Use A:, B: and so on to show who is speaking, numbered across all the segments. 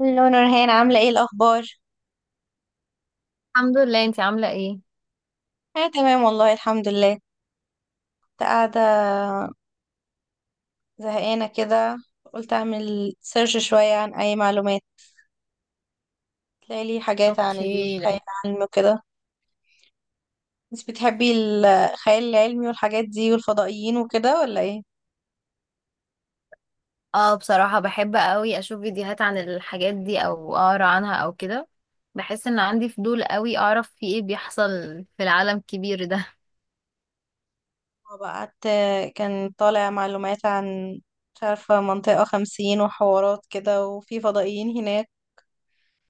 A: الو، نورهان، عاملة ايه الأخبار؟
B: الحمد لله، انتي عاملة ايه؟
A: أنا تمام والله، الحمد لله. كنت قاعدة زهقانة كده، قلت أعمل سيرش شوية عن أي معلومات تلاقي لي حاجات عن
B: اوكي.
A: الخيال العلمي وكده. بس بتحبي الخيال العلمي والحاجات دي والفضائيين وكده ولا ايه؟
B: اه، بصراحة بحب قوي اشوف فيديوهات عن الحاجات دي او اقرا عنها او كده. بحس ان عندي فضول قوي اعرف في ايه بيحصل في العالم الكبير ده.
A: وبقعدت كان طالع معلومات عن، مش عارفة، منطقة 50 وحوارات كده، وفي فضائيين هناك.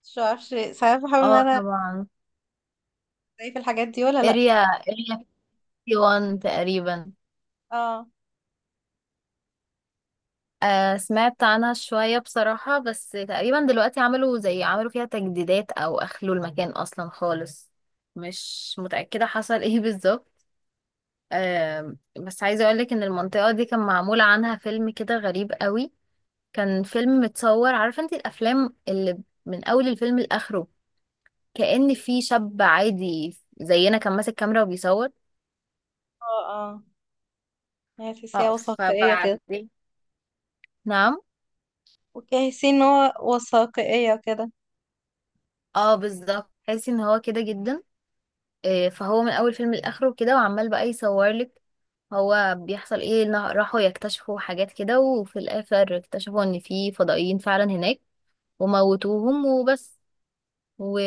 A: مش عارفة، ساعات بحاول ان
B: اه
A: انا
B: طبعا.
A: ألاقي في الحاجات دي ولا لأ.
B: اريا 51 تقريبا.
A: اه،
B: آه، سمعت عنها شوية بصراحة، بس تقريبا دلوقتي عملوا زي عملوا فيها تجديدات او اخلوا المكان اصلا خالص. مش متأكدة حصل ايه بالظبط. بس عايزة اقولك ان المنطقة دي كان معمول عنها فيلم كده غريب قوي. كان فيلم متصور، عارفة انت الافلام اللي من اول الفيلم لاخره كأن في شاب عادي زينا كان ماسك كاميرا وبيصور.
A: اه، اه. هي تحسيها
B: اه
A: وثائقية كده.
B: فبعدين، نعم،
A: وجاهزين ان هو وثائقية كده.
B: اه بالظبط، تحسي ان هو كده جدا. فهو من اول فيلم لاخره كده وعمال بقى يصور لك هو بيحصل ايه. إن راحوا يكتشفوا حاجات كده وفي الاخر اكتشفوا ان في فضائيين فعلا هناك وموتوهم وبس. و...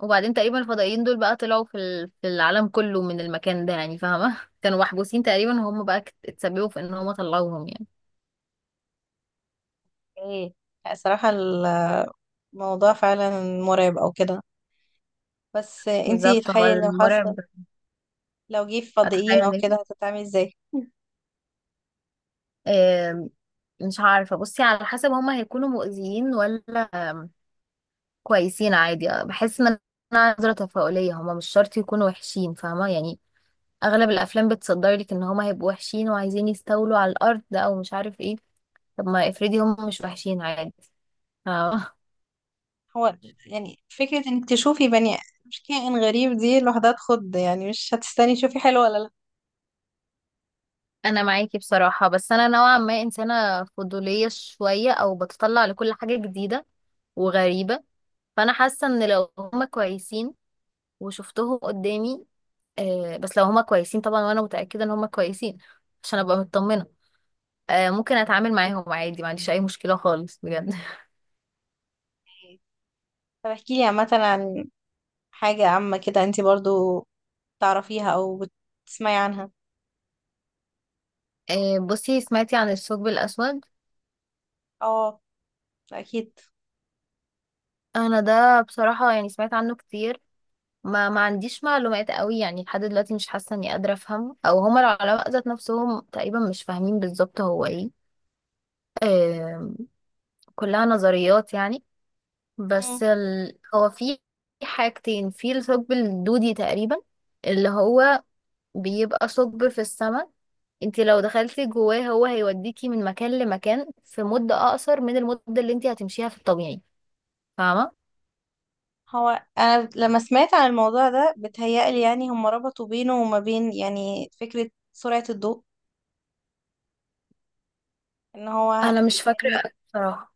B: وبعدين تقريبا الفضائيين دول بقى طلعوا في في العالم كله من المكان ده، يعني فاهمة؟ كانوا محبوسين تقريبا وهم بقى اتسببوا في ان هم طلعوهم يعني.
A: ايه، صراحة الموضوع فعلا مرعب او كده. بس انتي
B: بالظبط، هو
A: تخيلي لو
B: المرعب.
A: حصل، لو جه فضائيين او
B: اتخيل ايه؟
A: كده هتتعاملي ازاي؟
B: آم، مش عارفة، بصي على حسب هم هيكونوا مؤذيين ولا آم، كويسين عادي. بحس ان انا نظرة تفاؤلية، هم مش شرط يكونوا وحشين، فاهمة يعني. اغلب الافلام بتصدر لك ان هم هيبقوا وحشين وعايزين يستولوا على الارض او مش عارف ايه. طب ما افرضي هم مش وحشين عادي، فاهمة.
A: هو يعني فكرة انك تشوفي بني، مش كائن غريب، دي لوحدها تخض، يعني مش هتستني تشوفي حلو ولا لا.
B: انا معاكي بصراحة، بس انا نوعا ما انسانة فضولية شوية او بتطلع لكل حاجة جديدة وغريبة. فانا حاسة ان لو هما كويسين وشفتهم قدامي، آه بس لو هما كويسين طبعا، وانا متأكدة ان هما كويسين عشان ابقى مطمنة، آه ممكن اتعامل معاهم عادي، ما عنديش اي مشكلة خالص بجد.
A: طب احكيلي عامة عن حاجة عامة كده انتي برضو تعرفيها او بتسمعي عنها.
B: آه، بصي، سمعتي عن الثقب الاسود؟
A: اه، اكيد.
B: انا ده بصراحة يعني سمعت عنه كتير، ما عنديش معلومات قوي يعني. لحد دلوقتي مش حاسه اني قادره افهم، او هما العلماء ذات نفسهم تقريبا مش فاهمين بالظبط هو ايه. آم، كلها نظريات يعني. هو في حاجتين في الثقب الدودي تقريبا، اللي هو بيبقى ثقب في السماء. انت لو دخلتي جواه هو هيوديكي من مكان لمكان في مدة اقصر من المدة اللي انت هتمشيها في الطبيعي، فاهمة؟
A: هو أنا لما سمعت عن الموضوع ده بتهيألي يعني هم ربطوا بينه وما بين يعني فكرة سرعة الضوء. إن هو،
B: انا مش فاكرة
A: كأنك
B: بصراحة.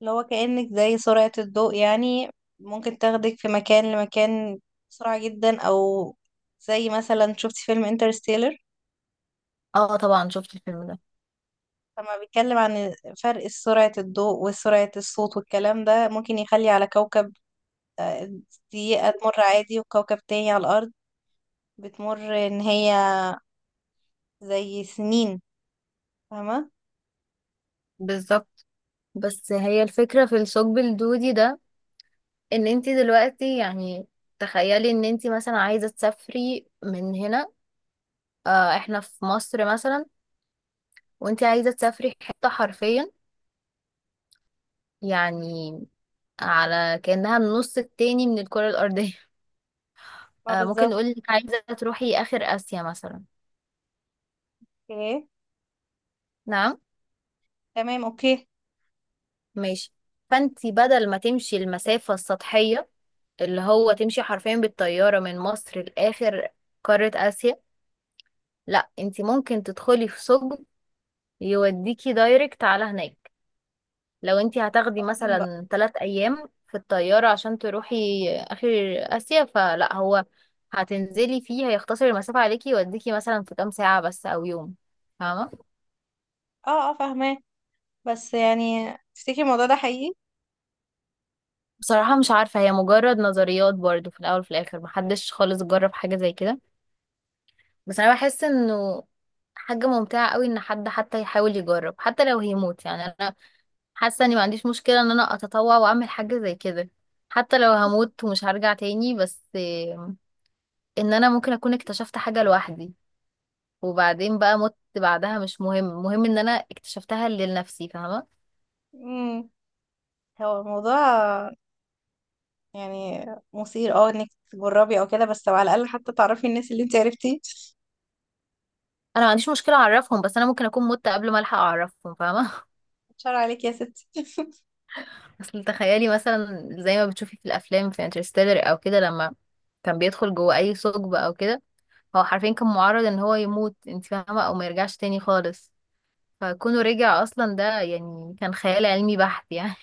A: اللي هو كأنك زي سرعة الضوء، يعني ممكن تاخدك في مكان لمكان بسرعة جدا، أو زي مثلا شفت فيلم انترستيلر.
B: اه طبعا شفت الفيلم ده.
A: فما بيتكلم عن فرق سرعة الضوء وسرعة الصوت، والكلام ده ممكن يخلي على كوكب دقيقة تمر عادي، وكوكب تاني على الأرض بتمر إن هي زي سنين. فاهمة؟
B: بالظبط، بس هي الفكرة في الثقب الدودي ده ان انت دلوقتي يعني تخيلي ان انت مثلا عايزة تسافري من هنا، اه احنا في مصر مثلا، وانت عايزة تسافري حتة حرفيا يعني على كأنها النص التاني من الكرة الأرضية.
A: ما
B: اه ممكن
A: بالظبط.
B: نقول انك عايزة تروحي آخر آسيا مثلا. نعم،
A: تمام، اوكي.
B: ماشي. فانت بدل ما تمشي المسافة السطحية اللي هو تمشي حرفيا بالطيارة من مصر لآخر قارة آسيا، لا انت ممكن تدخلي في ثقب يوديكي دايركت على هناك. لو انتي هتاخدي
A: مستقيم بقى.
B: مثلا ثلاث ايام في الطيارة عشان تروحي اخر اسيا، فلا هو هتنزلي فيه هيختصر المسافة عليكي يوديكي مثلا في كام ساعة بس او يوم، فاهمة؟
A: اه، اه، فاهماه. بس يعني تفتكري الموضوع ده حقيقي؟
B: بصراحة مش عارفة، هي مجرد نظريات برضو. في الاول وفي الاخر محدش خالص جرب حاجة زي كده، بس انا بحس انه حاجة ممتعة قوي ان حد حتى يحاول يجرب، حتى لو هيموت يعني. حاسه اني ما عنديش مشكله ان انا اتطوع واعمل حاجه زي كده حتى لو هموت ومش هرجع تاني، بس آم، ان انا ممكن اكون اكتشفت حاجه لوحدي وبعدين بقى مت بعدها، مش مهم. مهم ان انا اكتشفتها لنفسي، فاهمه.
A: امم هو الموضوع يعني مثير، انك تجربي او كده، بس على الاقل حتى تعرفي الناس اللي انت عرفتي.
B: انا ما عنديش مشكله اعرفهم، بس انا ممكن اكون مت قبل ما الحق اعرفهم، فاهمه.
A: شر عليك يا ستي.
B: اصل تخيلي مثلا زي ما بتشوفي في الافلام، في انترستيلر او كده، لما كان بيدخل جوه اي ثقب او كده، هو حرفيا كان معرض ان هو يموت، انت فاهمه، او ما يرجعش تاني خالص. فكونه رجع اصلا ده يعني كان خيال علمي بحت يعني.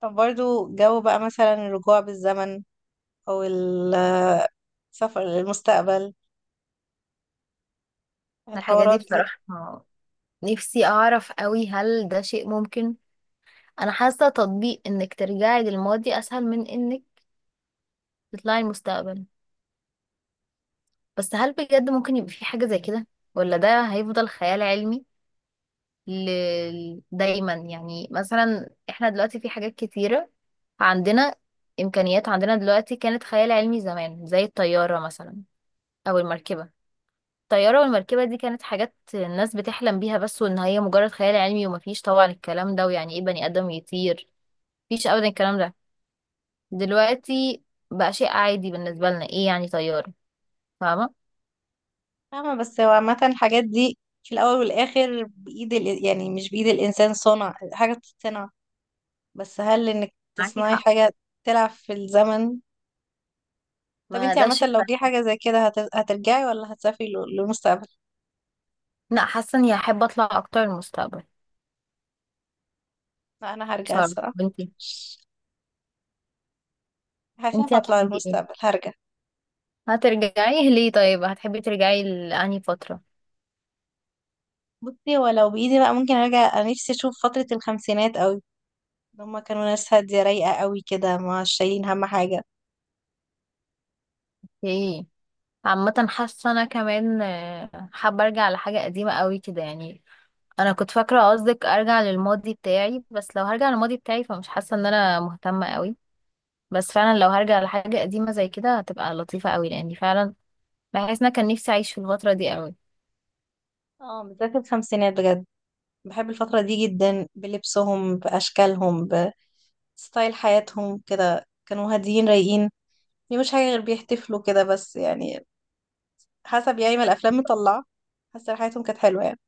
A: طب برضو جو بقى، مثلا الرجوع بالزمن، او السفر للمستقبل،
B: الحاجات دي
A: الحوارات دي.
B: بصراحة نفسي اعرف قوي هل ده شيء ممكن. انا حاسة تطبيق انك ترجعي للماضي اسهل من انك تطلعي المستقبل، بس هل بجد ممكن يبقى في حاجة زي كده ولا ده هيفضل خيال علمي؟ ل... دايما يعني مثلا احنا دلوقتي في حاجات كتيرة عندنا، امكانيات عندنا دلوقتي كانت خيال علمي زمان، زي الطيارة مثلا او المركبة. الطيارة والمركبة دي كانت حاجات الناس بتحلم بيها بس، وإن هي مجرد خيال علمي ومفيش طبعا الكلام ده، ويعني إيه بني آدم يطير؟ مفيش أبدا الكلام ده. دلوقتي بقى شيء عادي بالنسبة لنا، إيه يعني طيارة، فاهمة؟
A: فاهمة. بس هو عامة الحاجات دي في الأول والآخر بإيد يعني مش بإيد الإنسان. صنع حاجة بتتصنع، بس هل انك
B: معاكي
A: تصنعي
B: حق،
A: حاجة تلعب في الزمن؟ طب
B: ما
A: انتي
B: ده
A: عامة
B: شيء
A: لو
B: بقى.
A: في حاجة زي كده هترجعي ولا هتسافري للمستقبل؟
B: لا، حاسة إني هحب أطلع أكتر المستقبل
A: لا، انا هرجع
B: بصراحة.
A: الصراحة،
B: وإنتي،
A: هخاف
B: إنتي
A: اطلع
B: هتحبي إيه؟
A: للمستقبل، هرجع.
B: هترجعي؟ ليه؟ طيب هتحبي ترجعي لأنهي فترة؟
A: بصي، ولو بايدي بقى ممكن ارجع، انا نفسي اشوف فترة الخمسينات قوي. هما كانوا ناس هادية رايقة قوي كده، مش شايلين هم حاجة.
B: إيه؟ عامة حاسة أنا كمان حابة أرجع لحاجة قديمة قوي كده يعني. انا كنت فاكره قصدك ارجع للماضي بتاعي، بس لو هرجع للماضي بتاعي فمش حاسه ان انا مهتمه قوي. بس فعلا لو هرجع لحاجه قديمه زي كده هتبقى لطيفه قوي، لاني فعلا بحس ان أنا كان نفسي اعيش في الفتره دي قوي.
A: اه، بالذات الخمسينات بجد، بحب الفترة دي جدا، بلبسهم، بأشكالهم، بستايل حياتهم كده. كانوا هاديين رايقين. دي مش حاجة غير بيحتفلوا كده بس يعني، حسب يعني ما الافلام مطلعه، حاسه حياتهم كانت حلوه يعني.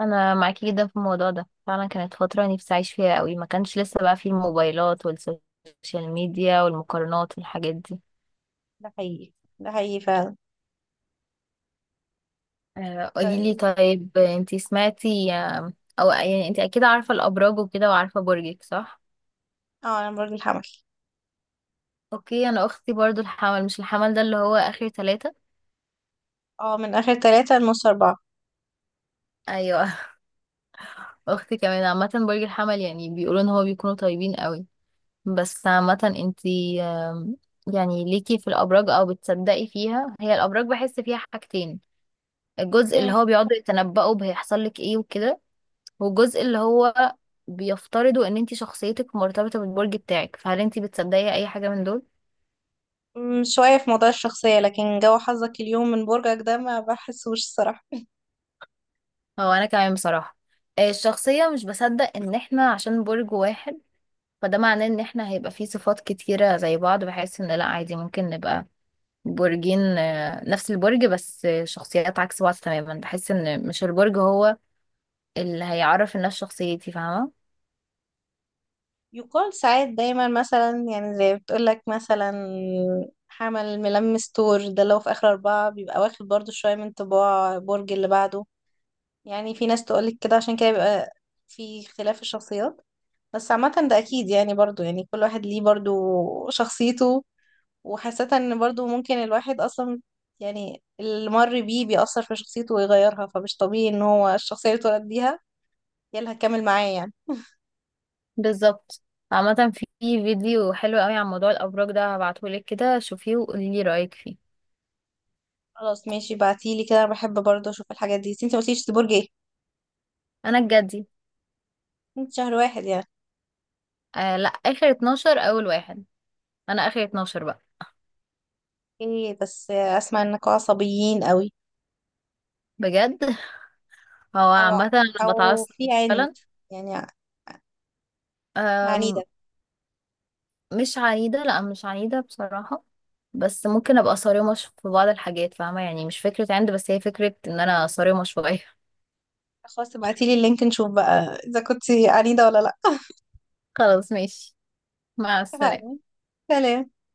B: انا معاكي جدا في الموضوع ده. فعلا كانت فتره نفسي اعيش فيها قوي، ما كانش لسه بقى فيه الموبايلات والسوشيال ميديا والمقارنات والحاجات دي.
A: ده حقيقي، ده حقيقي فعلا.
B: قولي لي،
A: طيب.
B: طيب انتي سمعتي او يعني انتي اكيد عارفه الابراج وكده، وعارفه برجك صح؟
A: اه، انا برج الحمل.
B: اوكي، انا اختي برضو الحمل. مش الحمل ده اللي هو اخر ثلاثة؟
A: اه، من اخر 3 لنص 4.
B: ايوه. اختي كمان عامه برج الحمل. يعني بيقولوا ان هو بيكونوا طيبين قوي. بس عامه انتي يعني ليكي في الابراج او بتصدقي فيها؟ هي الابراج بحس فيها حاجتين، الجزء اللي
A: مم.
B: هو بيقعدوا يتنبؤوا بهيحصل لك ايه وكده، والجزء اللي هو بيفترضوا ان انتي شخصيتك مرتبطه بالبرج بتاعك. فهل انتي بتصدقي اي حاجه من دول؟
A: شوية في موضوع الشخصية، لكن جو حظك اليوم من برجك ده ما بحسوش الصراحة.
B: هو انا كمان بصراحه الشخصيه، مش بصدق ان احنا عشان برج واحد فده معناه ان احنا هيبقى فيه صفات كتيرة زي بعض، بحيث ان لا عادي ممكن نبقى برجين، نفس البرج، بس شخصيات عكس بعض تماما. بحس ان مش البرج هو اللي هيعرف الناس شخصيتي، فاهمة؟
A: يقال ساعات دايما مثلا، يعني زي بتقولك مثلا حمل، ملمس تور، ده لو في آخر 4 بيبقى واخد برضو شوية من طباع برج اللي بعده. يعني في ناس تقولك كده، عشان كده بيبقى في اختلاف الشخصيات. بس عامة ده أكيد، يعني برضو يعني كل واحد ليه برضو شخصيته، وحاسة إن برضو ممكن الواحد أصلا، يعني اللي مر بيه بيأثر في شخصيته ويغيرها. فمش طبيعي إن هو الشخصية اللي اتولد بيها هي اللي هتكمل معاه يعني.
B: بالظبط. عامة في فيديو حلو قوي عن موضوع الأبراج ده، هبعتهولك كده شوفيه وقولي لي رأيك فيه.
A: خلاص، ماشي، بعتيلي كده. أنا بحب برضو أشوف الحاجات دي، بس انتي مقلتيش دي برج ايه؟
B: أنا الجدي.
A: انت شهر 1 يعني؟
B: آه لا، آخر 12 أول واحد. أنا آخر 12 بقى.
A: ايه، بس أسمع إنكوا عصبيين قوي.
B: بجد؟ هو
A: أو،
B: عامة أنا بتعصب
A: في عند، يعني
B: فعلا.
A: عنيدة.
B: مش عنيدة، لا مش عنيدة بصراحة. بس ممكن ابقى صارمة في بعض الحاجات، فاهمة يعني؟ مش فكرة عند، بس هي فكرة ان انا صارمة شوية.
A: خلاص، ابعتيلي اللينك نشوف بقى إذا كنتي عنيدة ولا لأ.
B: خلاص ماشي، مع
A: اتفقنا.
B: السلامة.
A: سلام.